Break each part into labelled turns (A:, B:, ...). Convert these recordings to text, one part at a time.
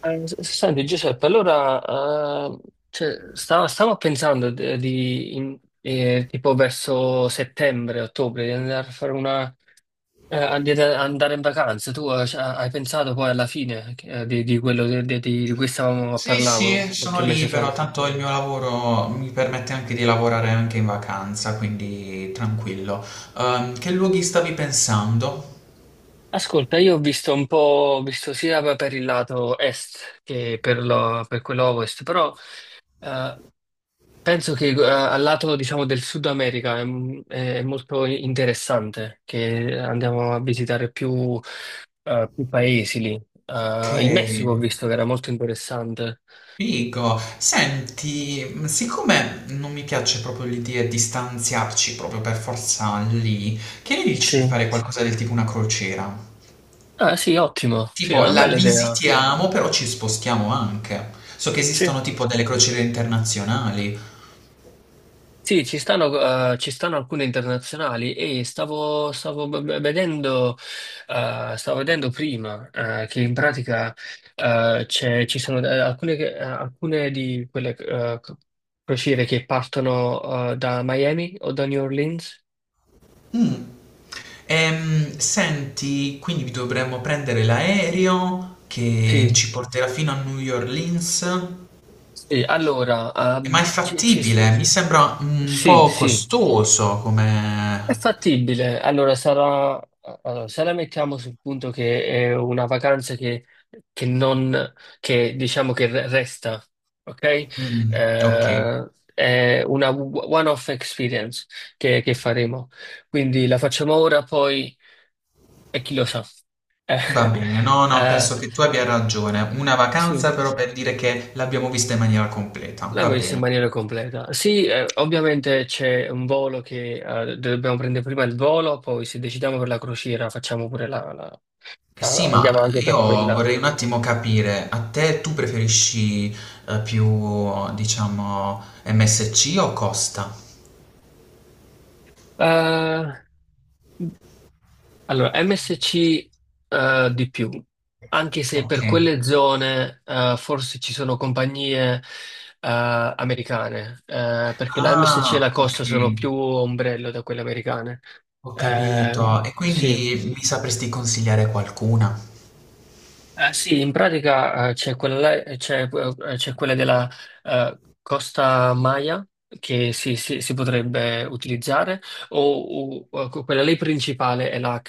A: Senti, Giuseppe, allora eh, stavo pensando di tipo verso settembre, ottobre, di andare a fare di andare in vacanza. Tu, hai pensato poi alla fine di quello di cui stavamo a
B: Sì,
A: parlare
B: sì, sono
A: qualche mese fa?
B: libero, tanto il mio lavoro mi permette anche di lavorare anche in vacanza, quindi tranquillo. Che luoghi stavi pensando?
A: Ascolta, io ho visto un po', ho visto sia per il lato est che per, per quello ovest, però penso che al lato, diciamo, del Sud America è molto interessante che andiamo a visitare più, più paesi lì.
B: Ok,
A: Il Messico ho visto che era molto interessante.
B: figo. Senti, siccome non mi piace proprio l'idea di distanziarci proprio per forza lì, che ne
A: Sì.
B: dici di fare qualcosa del tipo una crociera?
A: Ah, sì, ottimo. Sì, è
B: Tipo,
A: una
B: la
A: bella idea.
B: visitiamo, però ci spostiamo anche. So che
A: Sì.
B: esistono tipo delle crociere internazionali.
A: Sì, ci stanno alcune internazionali e vedendo, stavo vedendo prima, che in pratica, ci sono alcune, alcune di quelle, crociere che partono, da Miami o da New Orleans.
B: Mm. Senti, quindi dovremmo prendere l'aereo che
A: Sì,
B: ci porterà fino a New Orleans,
A: sì, allora,
B: ma è fattibile, mi sembra un
A: sì,
B: po'
A: sì.
B: costoso
A: È
B: come.
A: fattibile, allora allora, se la mettiamo sul punto che è una vacanza che non, che diciamo che resta, ok?
B: Mm, ok,
A: È una one-off experience che faremo, quindi la facciamo ora, poi e chi lo sa. Eh,
B: va bene, no, no, penso
A: eh,
B: che tu abbia ragione, una
A: sì,
B: vacanza però per dire che l'abbiamo vista in maniera completa, va
A: l'abbiamo vista in
B: bene.
A: maniera completa. Sì, ovviamente c'è un volo che dobbiamo prendere prima il volo, poi se decidiamo per la crociera facciamo pure la.
B: Sì,
A: Ah,
B: ma
A: andiamo anche
B: io
A: per quella.
B: vorrei un attimo capire, a te tu preferisci più, diciamo, MSC o Costa?
A: Eh, allora, MSC di più, anche se
B: Ok.
A: per quelle zone forse ci sono compagnie americane, perché la MSC e la
B: Ah, ok.
A: Costa sono più ombrello da quelle americane.
B: Ho capito.
A: Eh,
B: E
A: sì,
B: quindi mi sapresti consigliare qualcuna?
A: Sì, in pratica c'è quella della Costa Maya che si potrebbe utilizzare, o quella lì principale è la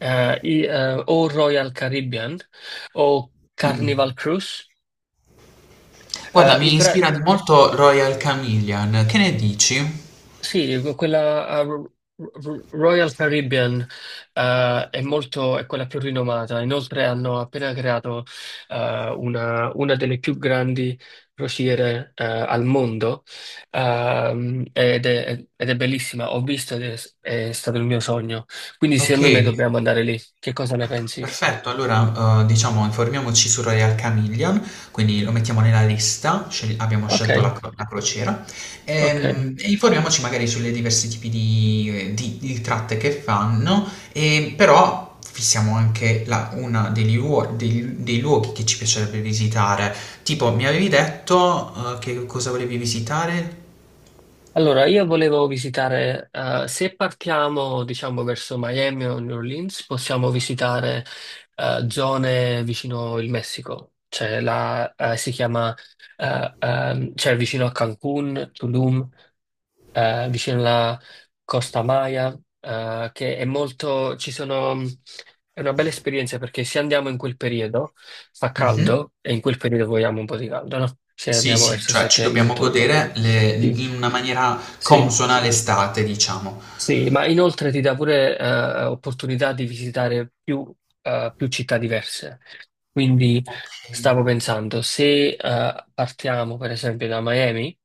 A: o Royal Caribbean o Carnival
B: Mm.
A: Cruise.
B: Guarda,
A: Eh,
B: mi
A: in pra-
B: ispira di molto Royal Chameleon. Che ne dici?
A: Sì, quella a Royal Caribbean, è quella più rinomata. Inoltre hanno appena creato una delle più grandi crociere, al mondo, ed è bellissima. Ho visto ed è, È stato il mio sogno. Quindi
B: Ok.
A: secondo me dobbiamo andare lì. Che cosa ne pensi?
B: Perfetto, allora diciamo informiamoci su Royal Chameleon, quindi lo mettiamo nella lista, abbiamo
A: Ok,
B: scelto la, la crociera,
A: ok.
B: e informiamoci magari sulle diversi tipi di, di tratte che fanno, e però fissiamo anche una degli dei, dei luoghi che ci piacerebbe visitare, tipo mi avevi detto che cosa volevi visitare?
A: Allora, io volevo visitare, se partiamo, diciamo, verso Miami o New Orleans, possiamo visitare, zone vicino il Messico. Cioè, cioè vicino a Cancun, Tulum, vicino alla Costa Maya, che è molto, ci sono, è una bella esperienza perché se andiamo in quel periodo fa
B: Mhm.
A: caldo e in quel periodo vogliamo un po' di caldo, no? Se
B: Sì,
A: andiamo
B: sì,
A: verso
B: cioè ci
A: settembre,
B: dobbiamo
A: ottobre,
B: godere
A: sì,
B: in una maniera
A: sì,
B: consona l'estate, diciamo.
A: sì, ma inoltre ti dà pure opportunità di visitare più, più città diverse. Quindi
B: Ok.
A: stavo pensando, se partiamo per esempio da Miami,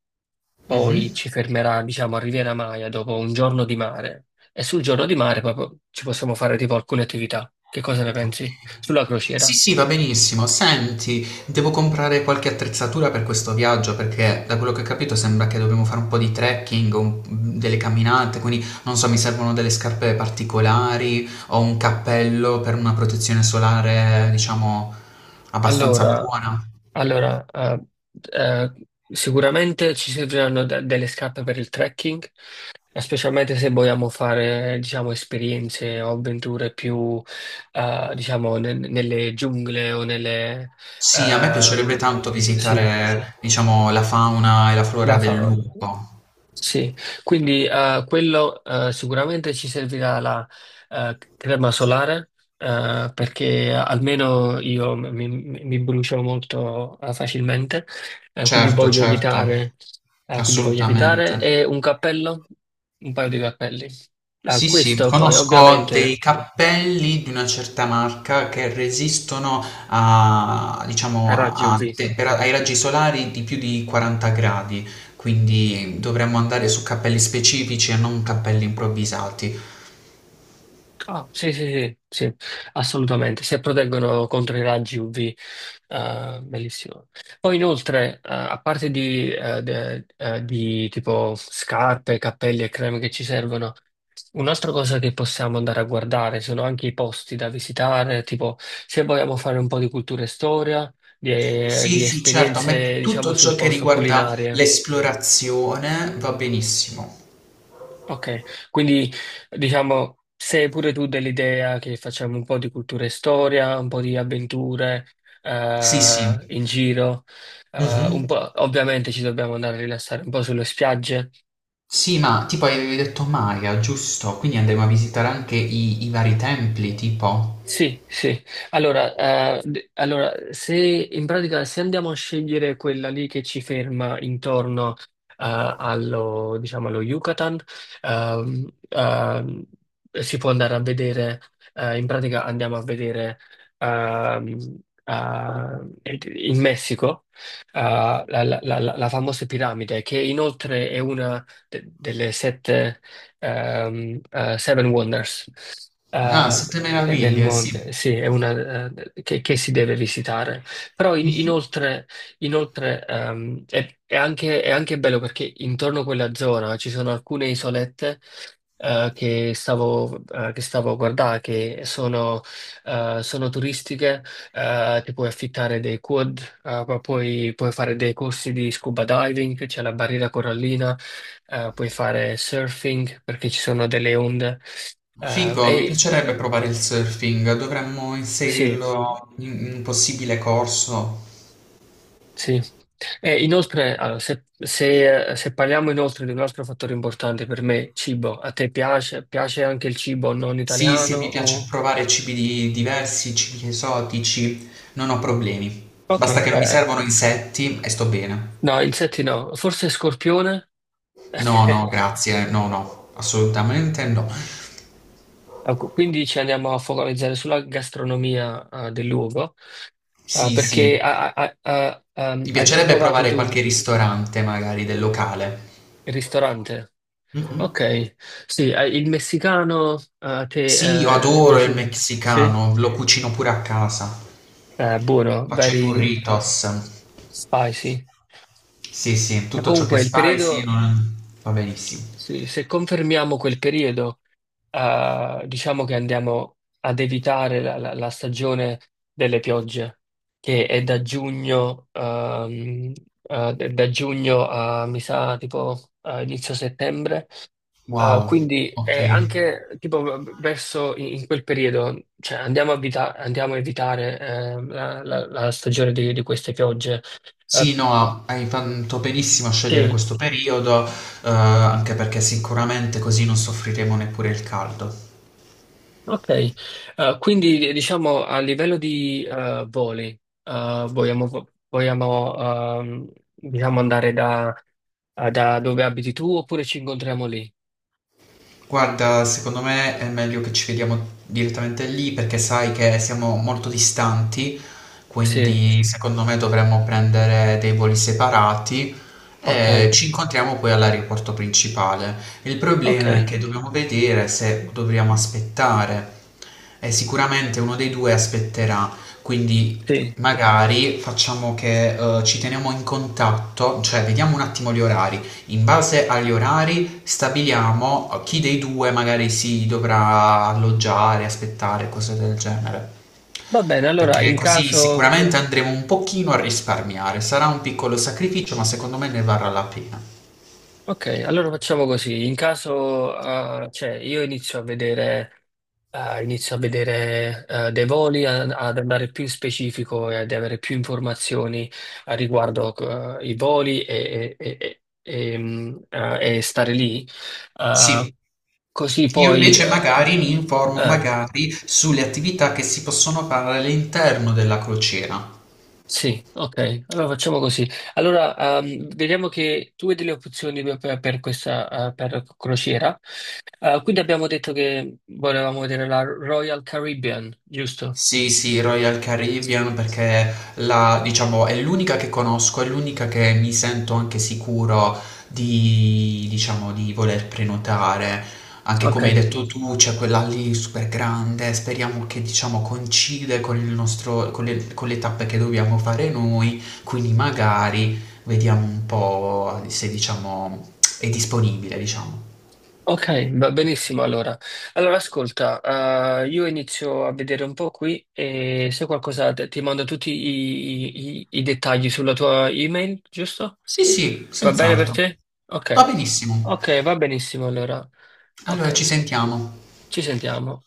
B: Mhm.
A: poi ci fermerà, diciamo, a Riviera Maya dopo un giorno di mare e sul giorno di mare proprio ci possiamo fare tipo alcune attività. Che cosa ne
B: Ok.
A: pensi? Sulla
B: Sì,
A: crociera.
B: sì, va benissimo. Senti, devo comprare qualche attrezzatura per questo viaggio perché da quello che ho capito sembra che dobbiamo fare un po' di trekking, delle camminate, quindi non so, mi servono delle scarpe particolari o un cappello per una protezione solare, diciamo, abbastanza
A: Allora,
B: buona.
A: allora, sicuramente ci serviranno delle scarpe per il trekking, specialmente se vogliamo fare, diciamo, esperienze o avventure più, diciamo, nelle giungle o nelle...
B: Sì, a me piacerebbe
A: ehm,
B: tanto
A: sì,
B: visitare, diciamo, la fauna e la
A: la
B: flora del
A: fauna.
B: lupo.
A: Sì, quindi quello sicuramente ci servirà la crema solare perché almeno io mi brucio molto facilmente, quindi
B: Certo,
A: voglio
B: certo,
A: evitare,
B: assolutamente.
A: e un cappello, un paio di cappelli. Ah,
B: Sì, sì,
A: questo poi
B: conosco dei
A: ovviamente
B: cappelli di una certa marca che resistono a,
A: a
B: diciamo,
A: raggi
B: a a
A: UV.
B: tempera- ai raggi solari di più di 40 gradi, quindi dovremmo andare su cappelli specifici e non cappelli improvvisati.
A: Ah, sì, sì, sì, sì, assolutamente. Se proteggono contro i raggi UV, bellissimo. Poi inoltre, a parte di tipo scarpe, cappelli e creme che ci servono, un'altra cosa che possiamo andare a guardare sono anche i posti da visitare, tipo se vogliamo fare un po' di cultura e storia,
B: Sì,
A: di
B: sì, certo, a me
A: esperienze, diciamo,
B: tutto
A: sul
B: ciò che
A: posto
B: riguarda
A: culinarie.
B: l'esplorazione va benissimo.
A: Ok, quindi diciamo sei pure tu dell'idea che facciamo un po' di cultura e storia, un po' di avventure
B: Sì, sì.
A: in giro, un
B: Mhm.
A: po', ovviamente ci dobbiamo andare a rilassare un po' sulle spiagge.
B: Sì, ma tipo avevi detto Maya, giusto? Quindi andremo a visitare anche i vari templi, tipo.
A: Sì, sì. Allora, allora, se in pratica se andiamo a scegliere quella lì che ci ferma intorno allo, diciamo, allo Yucatan, ehm, ehm, si può andare a vedere, eh, in pratica andiamo a vedere ehm, eh, in Messico la famosa piramide, che inoltre è una delle sette Seven Wonders.
B: Ah,
A: Eh,
B: Sette
A: Nel
B: Meraviglie, sì.
A: monte, sì, è una, che si deve visitare. Però
B: Mhm.
A: inoltre, è anche bello perché intorno a quella zona ci sono alcune isolette che stavo a guardare, che sono, sono turistiche, ti puoi affittare dei quad, puoi fare dei corsi di scuba diving, c'è la barriera corallina, puoi fare surfing perché ci sono delle onde.
B: Fico, mi
A: Eh,
B: piacerebbe provare il surfing, dovremmo
A: sì,
B: inserirlo in un possibile corso.
A: sì. E inoltre, allora, se parliamo inoltre di un altro fattore importante per me, cibo, a te piace anche il cibo non
B: Sì,
A: italiano?
B: sì, mi piace
A: O-
B: provare cibi diversi, cibi esotici, non ho problemi.
A: ok,
B: Basta che non mi servono insetti e sto bene.
A: no, insetti no, forse scorpione?
B: No, no, grazie, no, no, assolutamente no.
A: Ecco, quindi ci andiamo a focalizzare sulla gastronomia, del luogo,
B: Sì,
A: perché
B: sì,
A: ha- ha- ha-
B: mi
A: hai già
B: piacerebbe
A: provato
B: provare
A: tu
B: qualche ristorante magari del locale.
A: il ristorante?
B: Mhm.
A: Ok, sì, il messicano, a
B: Sì, io
A: te, è
B: adoro il
A: piaciuto? Sì?
B: messicano, lo cucino pure a casa.
A: Buono,
B: Faccio i
A: very
B: burritos.
A: spicy.
B: Sì, sì,
A: E
B: tutto ciò che è
A: comunque, il periodo,
B: spicy non. Va benissimo.
A: sì, se confermiamo quel periodo, diciamo che andiamo ad evitare la stagione delle piogge, che è da giugno, a, mi sa, tipo, a inizio settembre.
B: Wow,
A: Quindi
B: ok.
A: anche tipo verso in quel periodo, cioè andiamo andiamo a evitare la stagione di queste piogge. Eh,
B: Sì, no, hai fatto benissimo a scegliere
A: sì,
B: questo periodo, anche perché sicuramente così non soffriremo neppure il caldo.
A: ok. Quindi diciamo a livello di voli, vogliamo, diciamo andare da dove abiti tu oppure ci incontriamo lì?
B: Guarda, secondo me è meglio che ci vediamo direttamente lì perché sai che siamo molto distanti,
A: Sì,
B: quindi secondo me dovremmo prendere dei voli separati
A: ok,
B: e ci incontriamo poi all'aeroporto principale. Il problema è
A: ok,
B: che dobbiamo vedere se dobbiamo aspettare e sicuramente uno dei due aspetterà, quindi
A: sì.
B: magari facciamo che ci teniamo in contatto, cioè vediamo un attimo gli orari. In base agli orari stabiliamo chi dei due magari si dovrà alloggiare, aspettare, cose del genere.
A: Va bene, allora
B: Perché
A: in
B: così
A: caso.
B: sicuramente andremo un pochino a risparmiare. Sarà un piccolo sacrificio, ma secondo me ne varrà la pena.
A: Ok, allora facciamo così. In caso, io inizio a vedere, dei voli, ad andare più in specifico e ad avere più informazioni a riguardo, i voli e stare lì. Eh,
B: Sì,
A: Così
B: io
A: poi,
B: invece magari mi informo
A: eh,
B: magari sulle attività che si possono fare all'interno della crociera.
A: sì, ok, allora facciamo così. Allora, vediamo che tu hai delle opzioni per questa, per crociera. Quindi abbiamo detto che volevamo vedere la Royal Caribbean, giusto?
B: Sì, sì, Royal Caribbean perché la, diciamo, è l'unica che conosco, è l'unica che mi sento anche sicuro di, diciamo, di voler prenotare. Anche come hai
A: Ok,
B: detto tu, c'è quella lì super grande, speriamo che, diciamo, coincide con il nostro, con le tappe che dobbiamo fare noi, quindi magari vediamo un po' se, diciamo, è disponibile, diciamo.
A: ok, va benissimo allora. Allora ascolta, io inizio a vedere un po' qui e se qualcosa ti mando tutti i, i dettagli sulla tua email, giusto?
B: Sì, sì,
A: Va bene per
B: senz'altro.
A: te?
B: Va
A: Ok,
B: benissimo.
A: ok, va benissimo allora.
B: Allora ci
A: Ok,
B: sentiamo.
A: ci sentiamo.